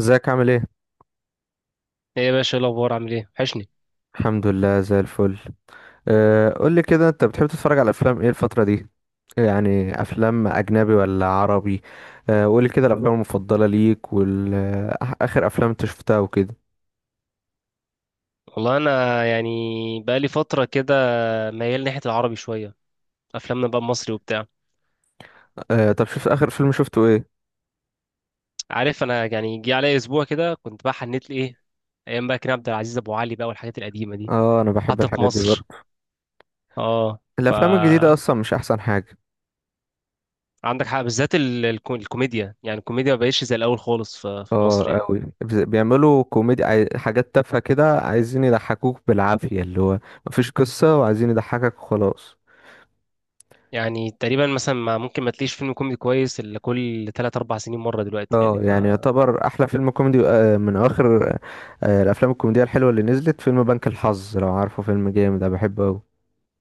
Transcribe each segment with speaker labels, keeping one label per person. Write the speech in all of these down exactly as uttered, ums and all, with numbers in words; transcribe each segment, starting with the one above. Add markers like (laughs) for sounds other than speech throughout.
Speaker 1: ازيك عامل ايه؟
Speaker 2: ايه يا باشا، إيه الاخبار؟ عامل ايه؟ وحشني.
Speaker 1: الحمد لله زي الفل. أه قول لي كده انت بتحب تتفرج على افلام ايه الفترة دي؟ يعني افلام اجنبي ولا عربي؟ أه قول لي كده الافلام المفضلة ليك والاخر افلام انت شفتها وكده.
Speaker 2: والله انا يعني بقالي فتره كده ميال ناحيه العربي شويه. افلامنا بقى المصري وبتاع.
Speaker 1: أه طب شفت اخر فيلم شفته ايه؟
Speaker 2: عارف، انا يعني جه عليا اسبوع كده كنت بقى حنيت لي ايه، ايام بقى كريم عبد العزيز، ابو علي بقى والحاجات القديمه دي.
Speaker 1: اه، انا بحب
Speaker 2: حتى في
Speaker 1: الحاجات دي
Speaker 2: مصر.
Speaker 1: برضه.
Speaker 2: اه. ف
Speaker 1: الافلام الجديدة اصلا مش احسن حاجة.
Speaker 2: عندك حق، بالذات ال- الكو- الكوميديا. يعني الكوميديا ما بقتش زي الاول خالص في في مصر
Speaker 1: اه
Speaker 2: يعني.
Speaker 1: قوي بيعملوا كوميدي عاي- حاجات تافهة كده عايزين يضحكوك بالعافية، اللي هو مفيش قصة وعايزين يضحكك وخلاص.
Speaker 2: يعني تقريبا مثلا ما ممكن ما تلاقيش فيلم كوميدي كويس الا كل ثلاث أربعة سنين مره دلوقتي يعني
Speaker 1: اه
Speaker 2: ف
Speaker 1: يعني يعتبر احلى فيلم كوميدي آه، من اواخر آه، الافلام الكوميدية الحلوة اللي نزلت، فيلم بنك الحظ، لو عارفه، فيلم جامد انا بحبه اوي.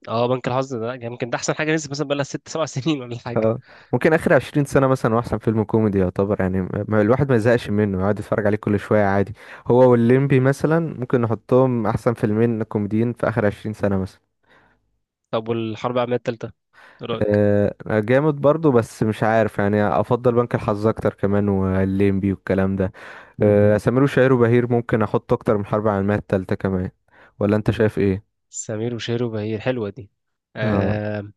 Speaker 2: اه، بنك الحظ ده يمكن ده احسن حاجه نزلت، مثلا بقى لها ستة سبع (laughs) سنين ولا حاجه.
Speaker 1: اه ممكن اخر عشرين سنة مثلا هو احسن فيلم كوميدي يعتبر، يعني ما- ما- الواحد ما يزهقش منه، يقعد يتفرج عليه كل شوية عادي. هو والليمبي مثلا ممكن نحطهم احسن فيلمين كوميديين في اخر عشرين سنة مثلا.
Speaker 2: طب والحرب العالمية التالتة، إيه رأيك؟
Speaker 1: آه، جامد برضو، بس مش عارف، يعني افضل بنك الحظ اكتر كمان، والليمبي والكلام ده. آه، سمير وشهير وبهير ممكن احط اكتر من حرب العالمية التالتة كمان، ولا انت شايف ايه.
Speaker 2: سمير وشهير وبهير حلوة دي.
Speaker 1: اه.
Speaker 2: آه،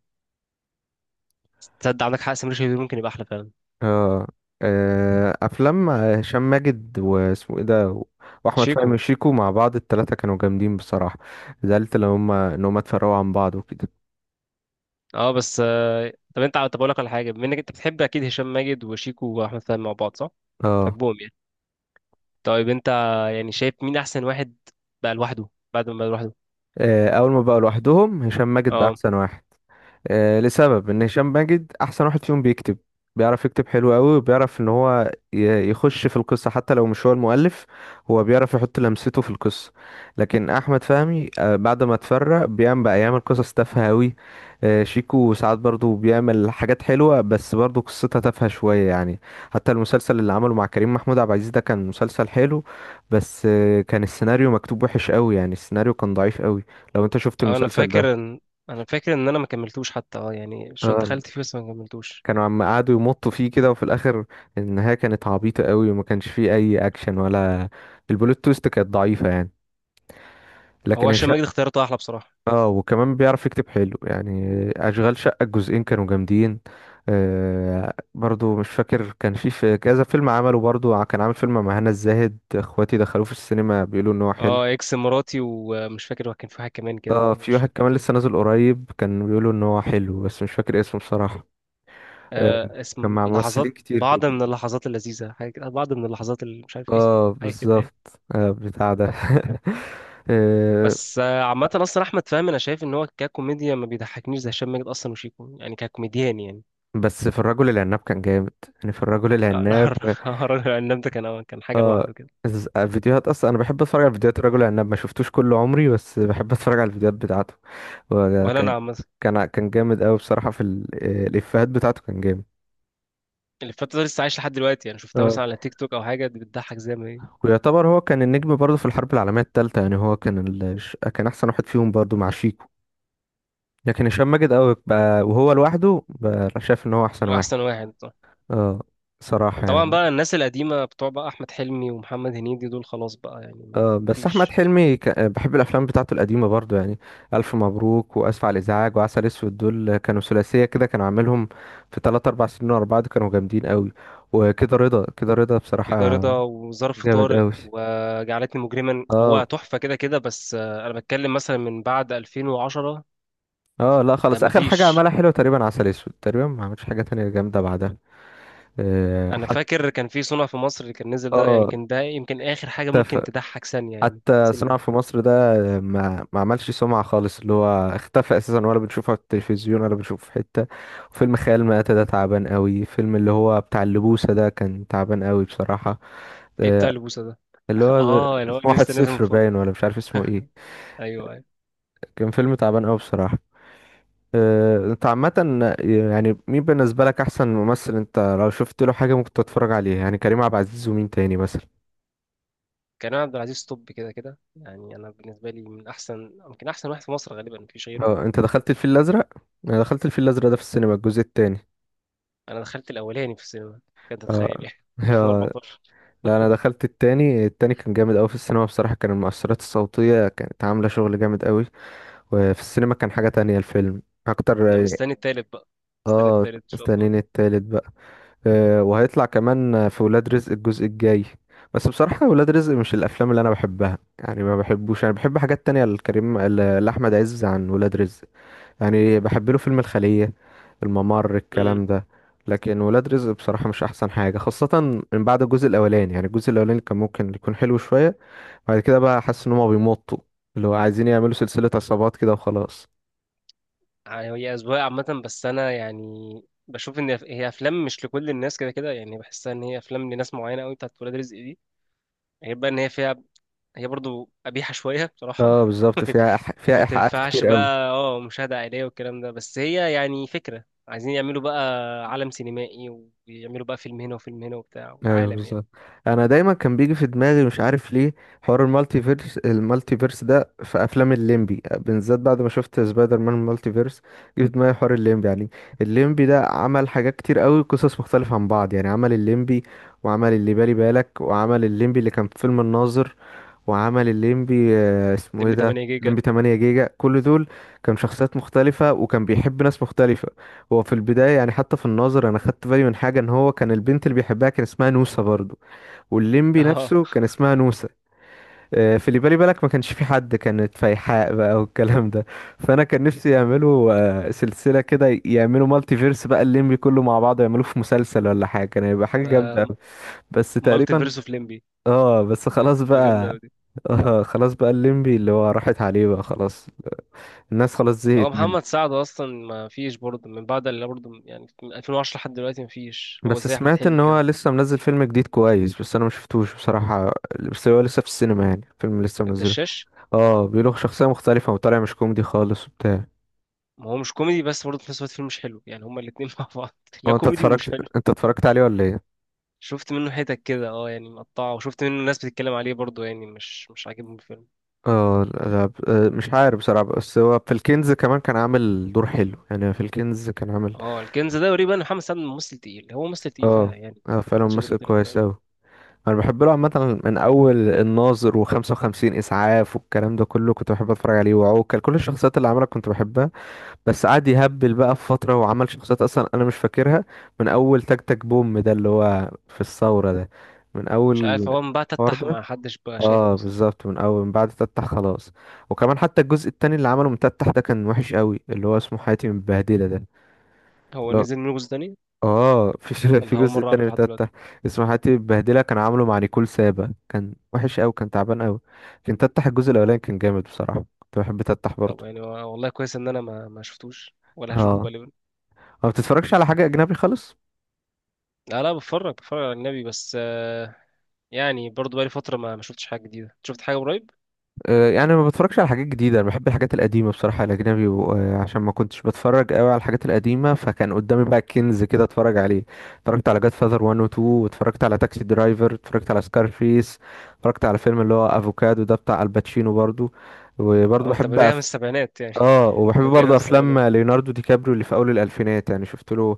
Speaker 2: تصدق عندك حق، سمير وشهير ممكن يبقى أحلى فعلا.
Speaker 1: اه. آه، افلام هشام ماجد واسمه ايه ده واحمد
Speaker 2: شيكو.
Speaker 1: فهمي وشيكو مع بعض، التلاتة كانوا جامدين بصراحة. زعلت لما هم ان هم اتفرقوا عن بعض وكده.
Speaker 2: اه. بس آه، طب انت طب اقول لك على حاجة، بما انك انت بتحب أكيد هشام ماجد وشيكو وأحمد فهمي مع بعض، صح؟
Speaker 1: اه.
Speaker 2: بتحبهم يعني. طيب انت يعني شايف مين أحسن واحد بقى لوحده بعد ما بقى لوحده؟
Speaker 1: آه، اول ما بقوا لوحدهم هشام ماجد بقى
Speaker 2: اه،
Speaker 1: احسن واحد. آه، لسبب ان هشام ماجد احسن واحد فيهم بيكتب. بيعرف يكتب حلو قوي، وبيعرف ان هو ي- يخش في القصة حتى لو مش هو المؤلف. هو بيعرف يحط لمسته في القصة. لكن احمد فهمي آه، بعد ما اتفرق بيعمل بقى، يعمل قصص تافهة قوي. شيكو ساعات برضو بيعمل حاجات حلوة بس برضو قصتها تافهة شوية يعني. حتى المسلسل اللي عمله مع كريم محمود عبد العزيز ده كان مسلسل حلو، بس آه، كان السيناريو مكتوب وحش قوي، يعني السيناريو كان ضعيف قوي، لو انت شفت
Speaker 2: اه. انا
Speaker 1: المسلسل
Speaker 2: فاكر
Speaker 1: ده.
Speaker 2: ان انا فاكر ان انا ما كملتوش. حتى اه يعني شو
Speaker 1: آه،
Speaker 2: دخلت فيه بس ما كملتوش.
Speaker 1: كانوا عم قعدوا يمطوا فيه كده، وفي الاخر النهايه كانت عبيطه قوي وما كانش فيه اي اكشن، ولا البلوت تويست كانت ضعيفه يعني.
Speaker 2: هو
Speaker 1: لكن
Speaker 2: هشام
Speaker 1: الشقه،
Speaker 2: ماجد اختيارته احلى بصراحه.
Speaker 1: اه، وكمان بيعرف يكتب حلو يعني. اشغال شقه الجزئين كانوا جامدين. آه برضو مش فاكر، كان في في كذا فيلم عمله برضو، ع- كان عامل فيلم مع هنا الزاهد، اخواتي دخلوه في السينما بيقولوا ان هو حلو.
Speaker 2: اه، اكس مراتي، ومش فاكر، هو كان في واحد كمان كده
Speaker 1: اه في
Speaker 2: مش
Speaker 1: واحد
Speaker 2: فاكر
Speaker 1: كمان
Speaker 2: اسمه.
Speaker 1: لسه نازل قريب كان بيقولوا ان هو حلو، بس مش فاكر اسمه بصراحه. آه
Speaker 2: آه
Speaker 1: كان
Speaker 2: اسم
Speaker 1: مع
Speaker 2: لحظات،
Speaker 1: ممثلين كتير
Speaker 2: بعض
Speaker 1: كده.
Speaker 2: من اللحظات اللذيذة، حاجة كده، بعض من اللحظات اللي مش عارف ايه (laughs)
Speaker 1: اه
Speaker 2: حاجة كده يعني.
Speaker 1: بالظبط، آه بتاع ده. (laughs) آه،
Speaker 2: بس آه عامة أصلا أحمد فهمي أنا شايف إن هو ككوميديا ما بيضحكنيش زي هشام ماجد أصلا وشيكو، يعني ككوميديان يعني.
Speaker 1: بس في الرجل العناب كان جامد، يعني في الرجل
Speaker 2: آه،
Speaker 1: العناب.
Speaker 2: (laughs) الهرج العناب ده كان كان حاجة لوحده كده.
Speaker 1: ز- فيديوهات اصلا انا بحب اتفرج على فيديوهات الرجل العناب، ما شفتوش كل عمري بس بحب اتفرج على الفيديوهات بتاعته. وكان
Speaker 2: ولا أنا
Speaker 1: كان
Speaker 2: عامة.
Speaker 1: كان كان جامد قوي بصراحة في ال- آه، الافيهات بتاعته كان جامد.
Speaker 2: اللي فاتت ده لسه عايش لحد دلوقتي، يعني شفتها
Speaker 1: اه
Speaker 2: مثلا على تيك توك أو حاجة، دي بتضحك زي ما هي.
Speaker 1: ويعتبر هو كان النجم برضه في الحرب العالمية التالتة، يعني هو كان ال... ش- كان احسن واحد فيهم برضه مع شيكو. لكن هشام ماجد قوي بقى، وهو لوحده بقى شايف ان هو احسن واحد.
Speaker 2: أحسن واحد طبعا.
Speaker 1: اه، صراحة
Speaker 2: طبعا
Speaker 1: يعني.
Speaker 2: بقى الناس القديمة، بتوع بقى أحمد حلمي ومحمد هنيدي، دول خلاص بقى يعني، ما
Speaker 1: آه،
Speaker 2: ما
Speaker 1: بس احمد
Speaker 2: فيش.
Speaker 1: حلمي ك... آه، بحب الافلام بتاعته القديمه برضو يعني. الف مبروك، واسف على الازعاج، وعسل اسود، دول كانوا ثلاثيه كده كانوا عاملهم في تلاتة اربعة سنين ورا بعض، كانوا جامدين قوي. وكده رضا، كده رضا
Speaker 2: كده
Speaker 1: بصراحه،
Speaker 2: رضا، وظرف
Speaker 1: جامد
Speaker 2: طارق،
Speaker 1: قوي.
Speaker 2: وجعلتني مجرما، هو
Speaker 1: اه.
Speaker 2: تحفة كده كده. بس آه، أنا بتكلم مثلا من بعد ألفين وعشرة.
Speaker 1: اه لا
Speaker 2: آه،
Speaker 1: خلاص، اخر حاجه
Speaker 2: مفيش.
Speaker 1: عملها حلوه تقريبا عسل اسود، تقريبا ما عملش حاجه تانية جامده بعدها. آه،
Speaker 2: أنا
Speaker 1: حتى
Speaker 2: فاكر كان في صنع في مصر اللي كان نزل ده، يعني
Speaker 1: اه
Speaker 2: كان ده يمكن آخر حاجة ممكن تضحك، ثانية يعني
Speaker 1: حتى صناعة
Speaker 2: سنة.
Speaker 1: في مصر ده ما ما عملش سمعة خالص، اللي هو اختفى اساسا، ولا بنشوفه على التلفزيون ولا بنشوفه في حتة. وفيلم خيال مآتة ده تعبان قوي، فيلم اللي هو بتاع اللبوسة ده كان تعبان قوي بصراحة.
Speaker 2: إيه بتاع
Speaker 1: آه،
Speaker 2: البوسة ده؟
Speaker 1: اللي
Speaker 2: (laughs)
Speaker 1: هو ده-
Speaker 2: آه اللي هو
Speaker 1: اسمه واحد
Speaker 2: لسه نازل من
Speaker 1: صفر، باين،
Speaker 2: فترة.
Speaker 1: ولا مش عارف اسمه ايه.
Speaker 2: أيوه، أيوه.
Speaker 1: كان فيلم تعبان قوي بصراحة. آه، انت عامة، يعني مين بالنسبة لك احسن ممثل انت لو شفت له حاجة ممكن تتفرج عليها، يعني كريم عبد العزيز ومين تاني مثلا.
Speaker 2: كريم عبد العزيز توب كده كده، يعني أنا بالنسبة لي من أحسن، يمكن أحسن واحد في مصر، غالبا مفيش غيره.
Speaker 1: اه انت دخلت الفيل الازرق؟ انا دخلت الفيل الازرق ده في السينما الجزء التاني.
Speaker 2: أنا دخلت الأولاني في السينما. كنت تتخيل
Speaker 1: اه.
Speaker 2: يعني
Speaker 1: (laughs)
Speaker 2: (laughs)
Speaker 1: آه.
Speaker 2: ألفين واربعتاشر.
Speaker 1: لا انا دخلت التاني، التاني كان جامد قوي في السينما بصراحة، كان المؤثرات الصوتية كانت عاملة شغل جامد قوي، وفي السينما كان حاجة تانية الفيلم اكتر.
Speaker 2: أنا مستني التالت بقى. مستني
Speaker 1: اه،
Speaker 2: التالت إن شاء
Speaker 1: استنيني التالت بقى. آه، وهيطلع كمان في ولاد رزق الجزء الجاي، بس بصراحة ولاد رزق مش الافلام اللي انا بحبها يعني، ما بحبوش، انا بحب حاجات تانية لكريم ل- لاحمد عز عن ولاد رزق. يعني بحب له فيلم الخلية، الممر،
Speaker 2: الله.
Speaker 1: الكلام ده. لكن ولاد رزق بصراحة مش أحسن حاجة، خاصة من بعد الجزء الأولاني، يعني الجزء الأولاني كان ممكن يكون حلو شوية، بعد كده بقى حاسس إن هما بيمطوا، اللي هو عايزين يعملوا سلسلة عصابات كده وخلاص.
Speaker 2: يعني هي أذواق عامة، بس أنا يعني بشوف إن هي أفلام مش لكل الناس كده كده، يعني بحسها إن هي أفلام لناس معينة أوي بتاعت ولاد رزق دي. غير بقى إن هي فيها، هي برضو قبيحة شوية
Speaker 1: اه
Speaker 2: بصراحة.
Speaker 1: بالظبط،
Speaker 2: (laughs)
Speaker 1: فيها إح... فيها
Speaker 2: ما
Speaker 1: إيحاءات
Speaker 2: تنفعش
Speaker 1: كتير أوي.
Speaker 2: بقى اه مشاهدة عائلية والكلام ده. بس هي يعني فكرة عايزين يعملوا بقى عالم سينمائي، ويعملوا بقى فيلم هنا وفيلم هنا وبتاع
Speaker 1: ايوه
Speaker 2: وعالم يعني.
Speaker 1: بالظبط. انا دايما كان بيجي في دماغي مش عارف ليه حوار المالتي فيرس، المالتي فيرس ده في افلام الليمبي بالذات، بعد ما شفت سبايدر مان المالتي فيرس جه في دماغي حوار الليمبي يعني. الليمبي ده عمل حاجات كتير قوي، قصص مختلفة عن بعض، يعني عمل الليمبي، وعمل اللي بالي بالك، وعمل الليمبي اللي كان في فيلم الناظر، وعمل الليمبي آه، اسمه ايه
Speaker 2: لمبي
Speaker 1: ده،
Speaker 2: تمنية جيجا.
Speaker 1: الليمبي تمانية جيجا، كل دول كان شخصيات مختلفة وكان بيحب ناس مختلفة. هو في البداية يعني، حتى في الناظر أنا خدت بالي من حاجة، إن هو كان البنت اللي بيحبها كان اسمها نوسة برضو،
Speaker 2: (laughs)
Speaker 1: والليمبي
Speaker 2: اه،
Speaker 1: نفسه كان اسمها نوسة. آه، في اللي بالي بالك ما كانش في حد، كانت فايحاء بقى والكلام ده. فأنا كان نفسي يعملوا آه، سلسلة كده، يعملوا مالتي فيرس بقى الليمبي كله مع بعضه، يعملوه في مسلسل ولا حاجة، كان هيبقى حاجة
Speaker 2: ده
Speaker 1: جامدة أوي. بس
Speaker 2: مالتي
Speaker 1: تقريبا،
Speaker 2: فيرس اوف لمبي.
Speaker 1: اه بس خلاص
Speaker 2: ما جامدة
Speaker 1: بقى،
Speaker 2: أوي.
Speaker 1: آه خلاص بقى الليمبي اللي هو راحت عليه بقى خلاص، الناس خلاص زهقت.
Speaker 2: هو محمد سعد اصلا ما فيش برضه من بعد، اللي برضه يعني من ألفين وعشرة لحد دلوقتي ما فيش. هو
Speaker 1: بس
Speaker 2: زي احمد
Speaker 1: سمعت ان
Speaker 2: حلمي
Speaker 1: هو
Speaker 2: كده.
Speaker 1: لسه منزل فيلم جديد كويس، بس انا ما شفتوش بصراحة، بس هو لسه في السينما يعني، فيلم لسه منزله.
Speaker 2: الدشاش.
Speaker 1: اه بيقولوا شخصية مختلفة وطالع مش كوميدي خالص وبتاع.
Speaker 2: ما هو مش كوميدي، بس برضه في نفس الوقت فيلم مش حلو يعني، هما الاتنين (laughs) مع بعض. لا،
Speaker 1: هو انت
Speaker 2: كوميدي ومش
Speaker 1: اتفرجت
Speaker 2: حلو.
Speaker 1: انت اتفرجت عليه ولا ايه؟
Speaker 2: شفت منه حتت كده، اه يعني مقطعه، وشفت منه ناس بتتكلم عليه برضه، يعني مش مش عاجبهم الفيلم.
Speaker 1: اه الغاب، آه، مش عارف بصراحة، بس هو في الكنز كمان كان عامل دور حلو، يعني في الكنز كان عامل.
Speaker 2: اه، الكنز ده قريب. انا محمد سعد ممثل تقيل، هو ممثل تقيل
Speaker 1: اه.
Speaker 2: فعلا يعني.
Speaker 1: اه فعلا
Speaker 2: محدش يقدر
Speaker 1: ممثل
Speaker 2: يختلف،
Speaker 1: كويس
Speaker 2: فاهم.
Speaker 1: اوي. انا بحب له عامة من اول الناظر و55 اسعاف والكلام ده كله، كنت بحب اتفرج عليه، وعوكل، كل الشخصيات اللي عملها كنت بحبها. بس قعد يهبل بقى في فترة وعمل شخصيات أصلا أنا مش فاكرها، من أول تك تك بوم ده اللي هو في الثورة ده، من
Speaker 2: مش
Speaker 1: أول
Speaker 2: عارف، هو من بعد
Speaker 1: الحوار
Speaker 2: تتح
Speaker 1: ده.
Speaker 2: ما حدش بقى
Speaker 1: اه
Speaker 2: شايفه اصلا.
Speaker 1: بالظبط من أول، من بعد تتح خلاص. وكمان حتى الجزء التاني اللي عمله من تتح ده كان وحش قوي، اللي هو اسمه حياتي متبهدلة ده.
Speaker 2: هو
Speaker 1: اللي هو-
Speaker 2: نزل منه جزء تاني؟
Speaker 1: اه (laughs) في ش- في
Speaker 2: والله اول
Speaker 1: جزء
Speaker 2: مره
Speaker 1: تاني
Speaker 2: اعرف لحد دلوقتي.
Speaker 1: لتتح، اسمه حياتي متبهدلة، كان عامله مع نيكول سابا، كان وحش قوي، كان تعبان قوي. لكن تتح الجزء الأولاني كان جامد بصراحة، كنت بحب تتح
Speaker 2: طب
Speaker 1: برضه.
Speaker 2: يعني، و- والله كويس ان انا ما ما شفتوش ولا هشوفه
Speaker 1: اه.
Speaker 2: غالبا.
Speaker 1: ما بتتفرجش على حاجة أجنبي خالص؟
Speaker 2: لا، لا، بتفرج بتفرج على اجنبي. بس آه، يعني برضو بقالي فتره ما ما شفتش حاجه جديده، شفت حاجه قريب.
Speaker 1: آه، يعني ما بتفرجش على حاجات جديدة، انا بحب الحاجات القديمة بصراحة الاجنبي، و- آه، عشان ما كنتش بتفرج قوي على الحاجات القديمة فكان قدامي بقى كنز كده اتفرج عليه. اتفرجت على جاد فاذر واحد و اتنين، واتفرجت على تاكسي درايفر، اتفرجت على سكارفيس، اتفرجت على فيلم اللي هو افوكادو ده بتاع الباتشينو برضو. وبرضو
Speaker 2: اه، انت
Speaker 1: بحب
Speaker 2: بادئها من
Speaker 1: أف...
Speaker 2: السبعينات يعني.
Speaker 1: اه
Speaker 2: (laughs) انت
Speaker 1: وبحب
Speaker 2: جايبها من
Speaker 1: برضو افلام
Speaker 2: السبعينات.
Speaker 1: ليوناردو دي كابريو اللي في اول الالفينات، يعني شفت له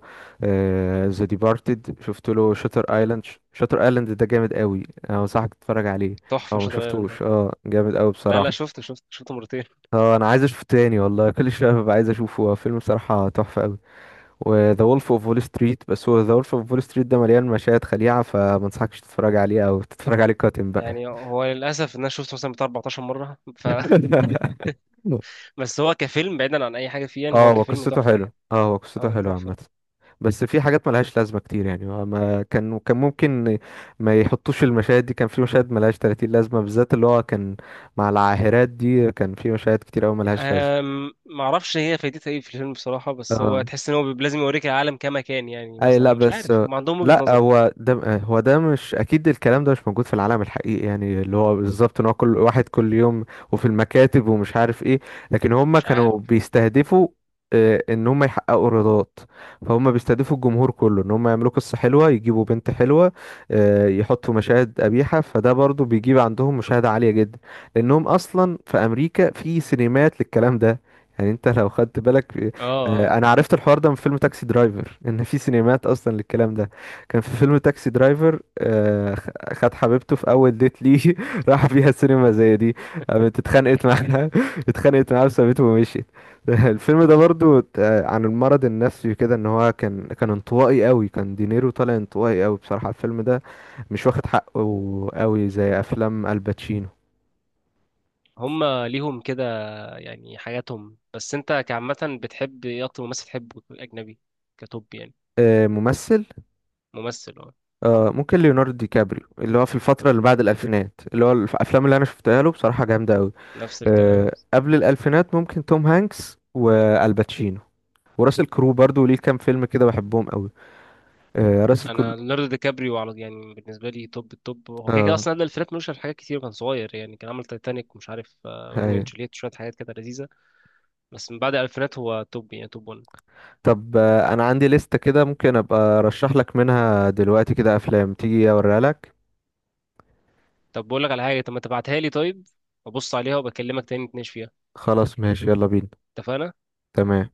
Speaker 1: ذا ديبارتد، شفت له شاتر
Speaker 2: حلو.
Speaker 1: ايلاند، شاتر ايلاند ده جامد قوي، انا انصحك تتفرج عليه
Speaker 2: تحفه
Speaker 1: لو ما
Speaker 2: شاطر ايلاند ده.
Speaker 1: شفتوش، اه جامد قوي
Speaker 2: لا، لا،
Speaker 1: بصراحة.
Speaker 2: شفته شفته شفته مرتين.
Speaker 1: اه انا عايز اشوفه تاني والله، كل شويه ببقى عايز اشوفه، هو فيلم صراحه تحفه قوي. وذا وولف اوف وول ستريت، بس هو ذا وولف اوف وول ستريت ده مليان مشاهد خليعه فما انصحكش تتفرج عليه، او تتفرج عليه قاتم بقى.
Speaker 2: يعني هو للاسف ان انا شفته مثلا بتاع أربعة عشر مره ف
Speaker 1: (laughs)
Speaker 2: (laughs) بس هو كفيلم بعيدا عن اي حاجه فيه، يعني
Speaker 1: اه،
Speaker 2: هو
Speaker 1: هو
Speaker 2: كفيلم
Speaker 1: قصته
Speaker 2: تحفه
Speaker 1: حلو،
Speaker 2: يعني.
Speaker 1: اه هو قصته
Speaker 2: اه،
Speaker 1: حلو
Speaker 2: تحفه.
Speaker 1: عامه، بس في حاجات ملهاش لازمه كتير يعني، هو ما كان كان ممكن ما يحطوش المشاهد دي، كان في مشاهد ملهاش تلاتين لازمه، بالذات اللي هو كان مع العاهرات دي، كان في مشاهد كتير قوي ملهاش لازمه.
Speaker 2: أم... ما اعرفش هي فايدتها ايه في الفيلم بصراحه. بس هو
Speaker 1: اه
Speaker 2: تحس ان هو بيب- لازم يوريك العالم كما كان. يعني
Speaker 1: اي،
Speaker 2: مثلا
Speaker 1: لا
Speaker 2: مش
Speaker 1: بس،
Speaker 2: عارف، هم عندهم وجهه
Speaker 1: لا
Speaker 2: نظر.
Speaker 1: هو ده هو ده مش اكيد، الكلام ده مش موجود في العالم الحقيقي، يعني اللي هو بالظبط ان هو كل واحد، كل يوم، وفي المكاتب، ومش عارف ايه. لكن هم
Speaker 2: مش عارف.
Speaker 1: كانوا بيستهدفوا آه، ان هم يحققوا رضات، فهم بيستهدفوا الجمهور كله ان هم يعملوا قصة حلوة، يجيبوا بنت حلوة، آه، يحطوا مشاهد قبيحة، فده برضو بيجيب عندهم مشاهدة عالية جدا، لانهم اصلا في امريكا في سينمات للكلام ده، يعني انت لو خدت بالك.
Speaker 2: اه، اه.
Speaker 1: آه، انا عرفت الحوار ده من فيلم تاكسي درايفر، ان في سينمات اصلا للكلام ده. كان في فيلم تاكسي درايفر آه، خ- خد حبيبته في اول ديت ليه (laughs) راح فيها سينما زي دي، قامت اتخانقت معاها، (laughs) اتخانقت معاها وسابته ومشيت. (laughs) الفيلم ده برضو ت- آه، عن المرض النفسي كده، ان هو كان كان انطوائي قوي، كان دينيرو طالع انطوائي قوي بصراحة الفيلم ده، مش واخد حقه قوي زي افلام الباتشينو.
Speaker 2: هم ليهم كده يعني حاجاتهم. بس انت كعامة بتحب ايه؟ اكتر ممثل تحبه اجنبي، كتوب يعني.
Speaker 1: آه، ممثل؟
Speaker 2: ممثل، اه.
Speaker 1: آه ممكن ليوناردو دي كابريو، اللي هو في الفترة اللي بعد الألفينات، اللي هو الأفلام اللي أنا شفتها له بصراحة جامدة أوي.
Speaker 2: نفس الكلام.
Speaker 1: آه قبل الألفينات ممكن توم هانكس والباتشينو، وراسل كرو برضو ليه كام فيلم كده بحبهم أوي، آه راسل كرو.
Speaker 2: انا ليوناردو دي كابريو، على يعني بالنسبه لي توب التوب هو كده كده
Speaker 1: آه،
Speaker 2: اصلا. قبل الفيلم مش في حاجات كتير، كان صغير يعني. كان عمل تايتانيك، ومش عارف، آه، روميو اند
Speaker 1: هاي.
Speaker 2: جولييت، شويه حاجات كده لذيذه. بس من بعد الالفينات هو توب، يعني توب واحد.
Speaker 1: طب آه، أنا عندي لستة كده، ممكن أبقى أرشح لك منها دلوقتي كده أفلام، تيجي أوريها لك.
Speaker 2: طب بقول لك على حاجه، طب ما تبعتها لي طيب، ابص عليها وبكلمك تاني نتناقش فيها.
Speaker 1: خلاص ماشي، يلا بينا.
Speaker 2: اتفقنا.
Speaker 1: تمام.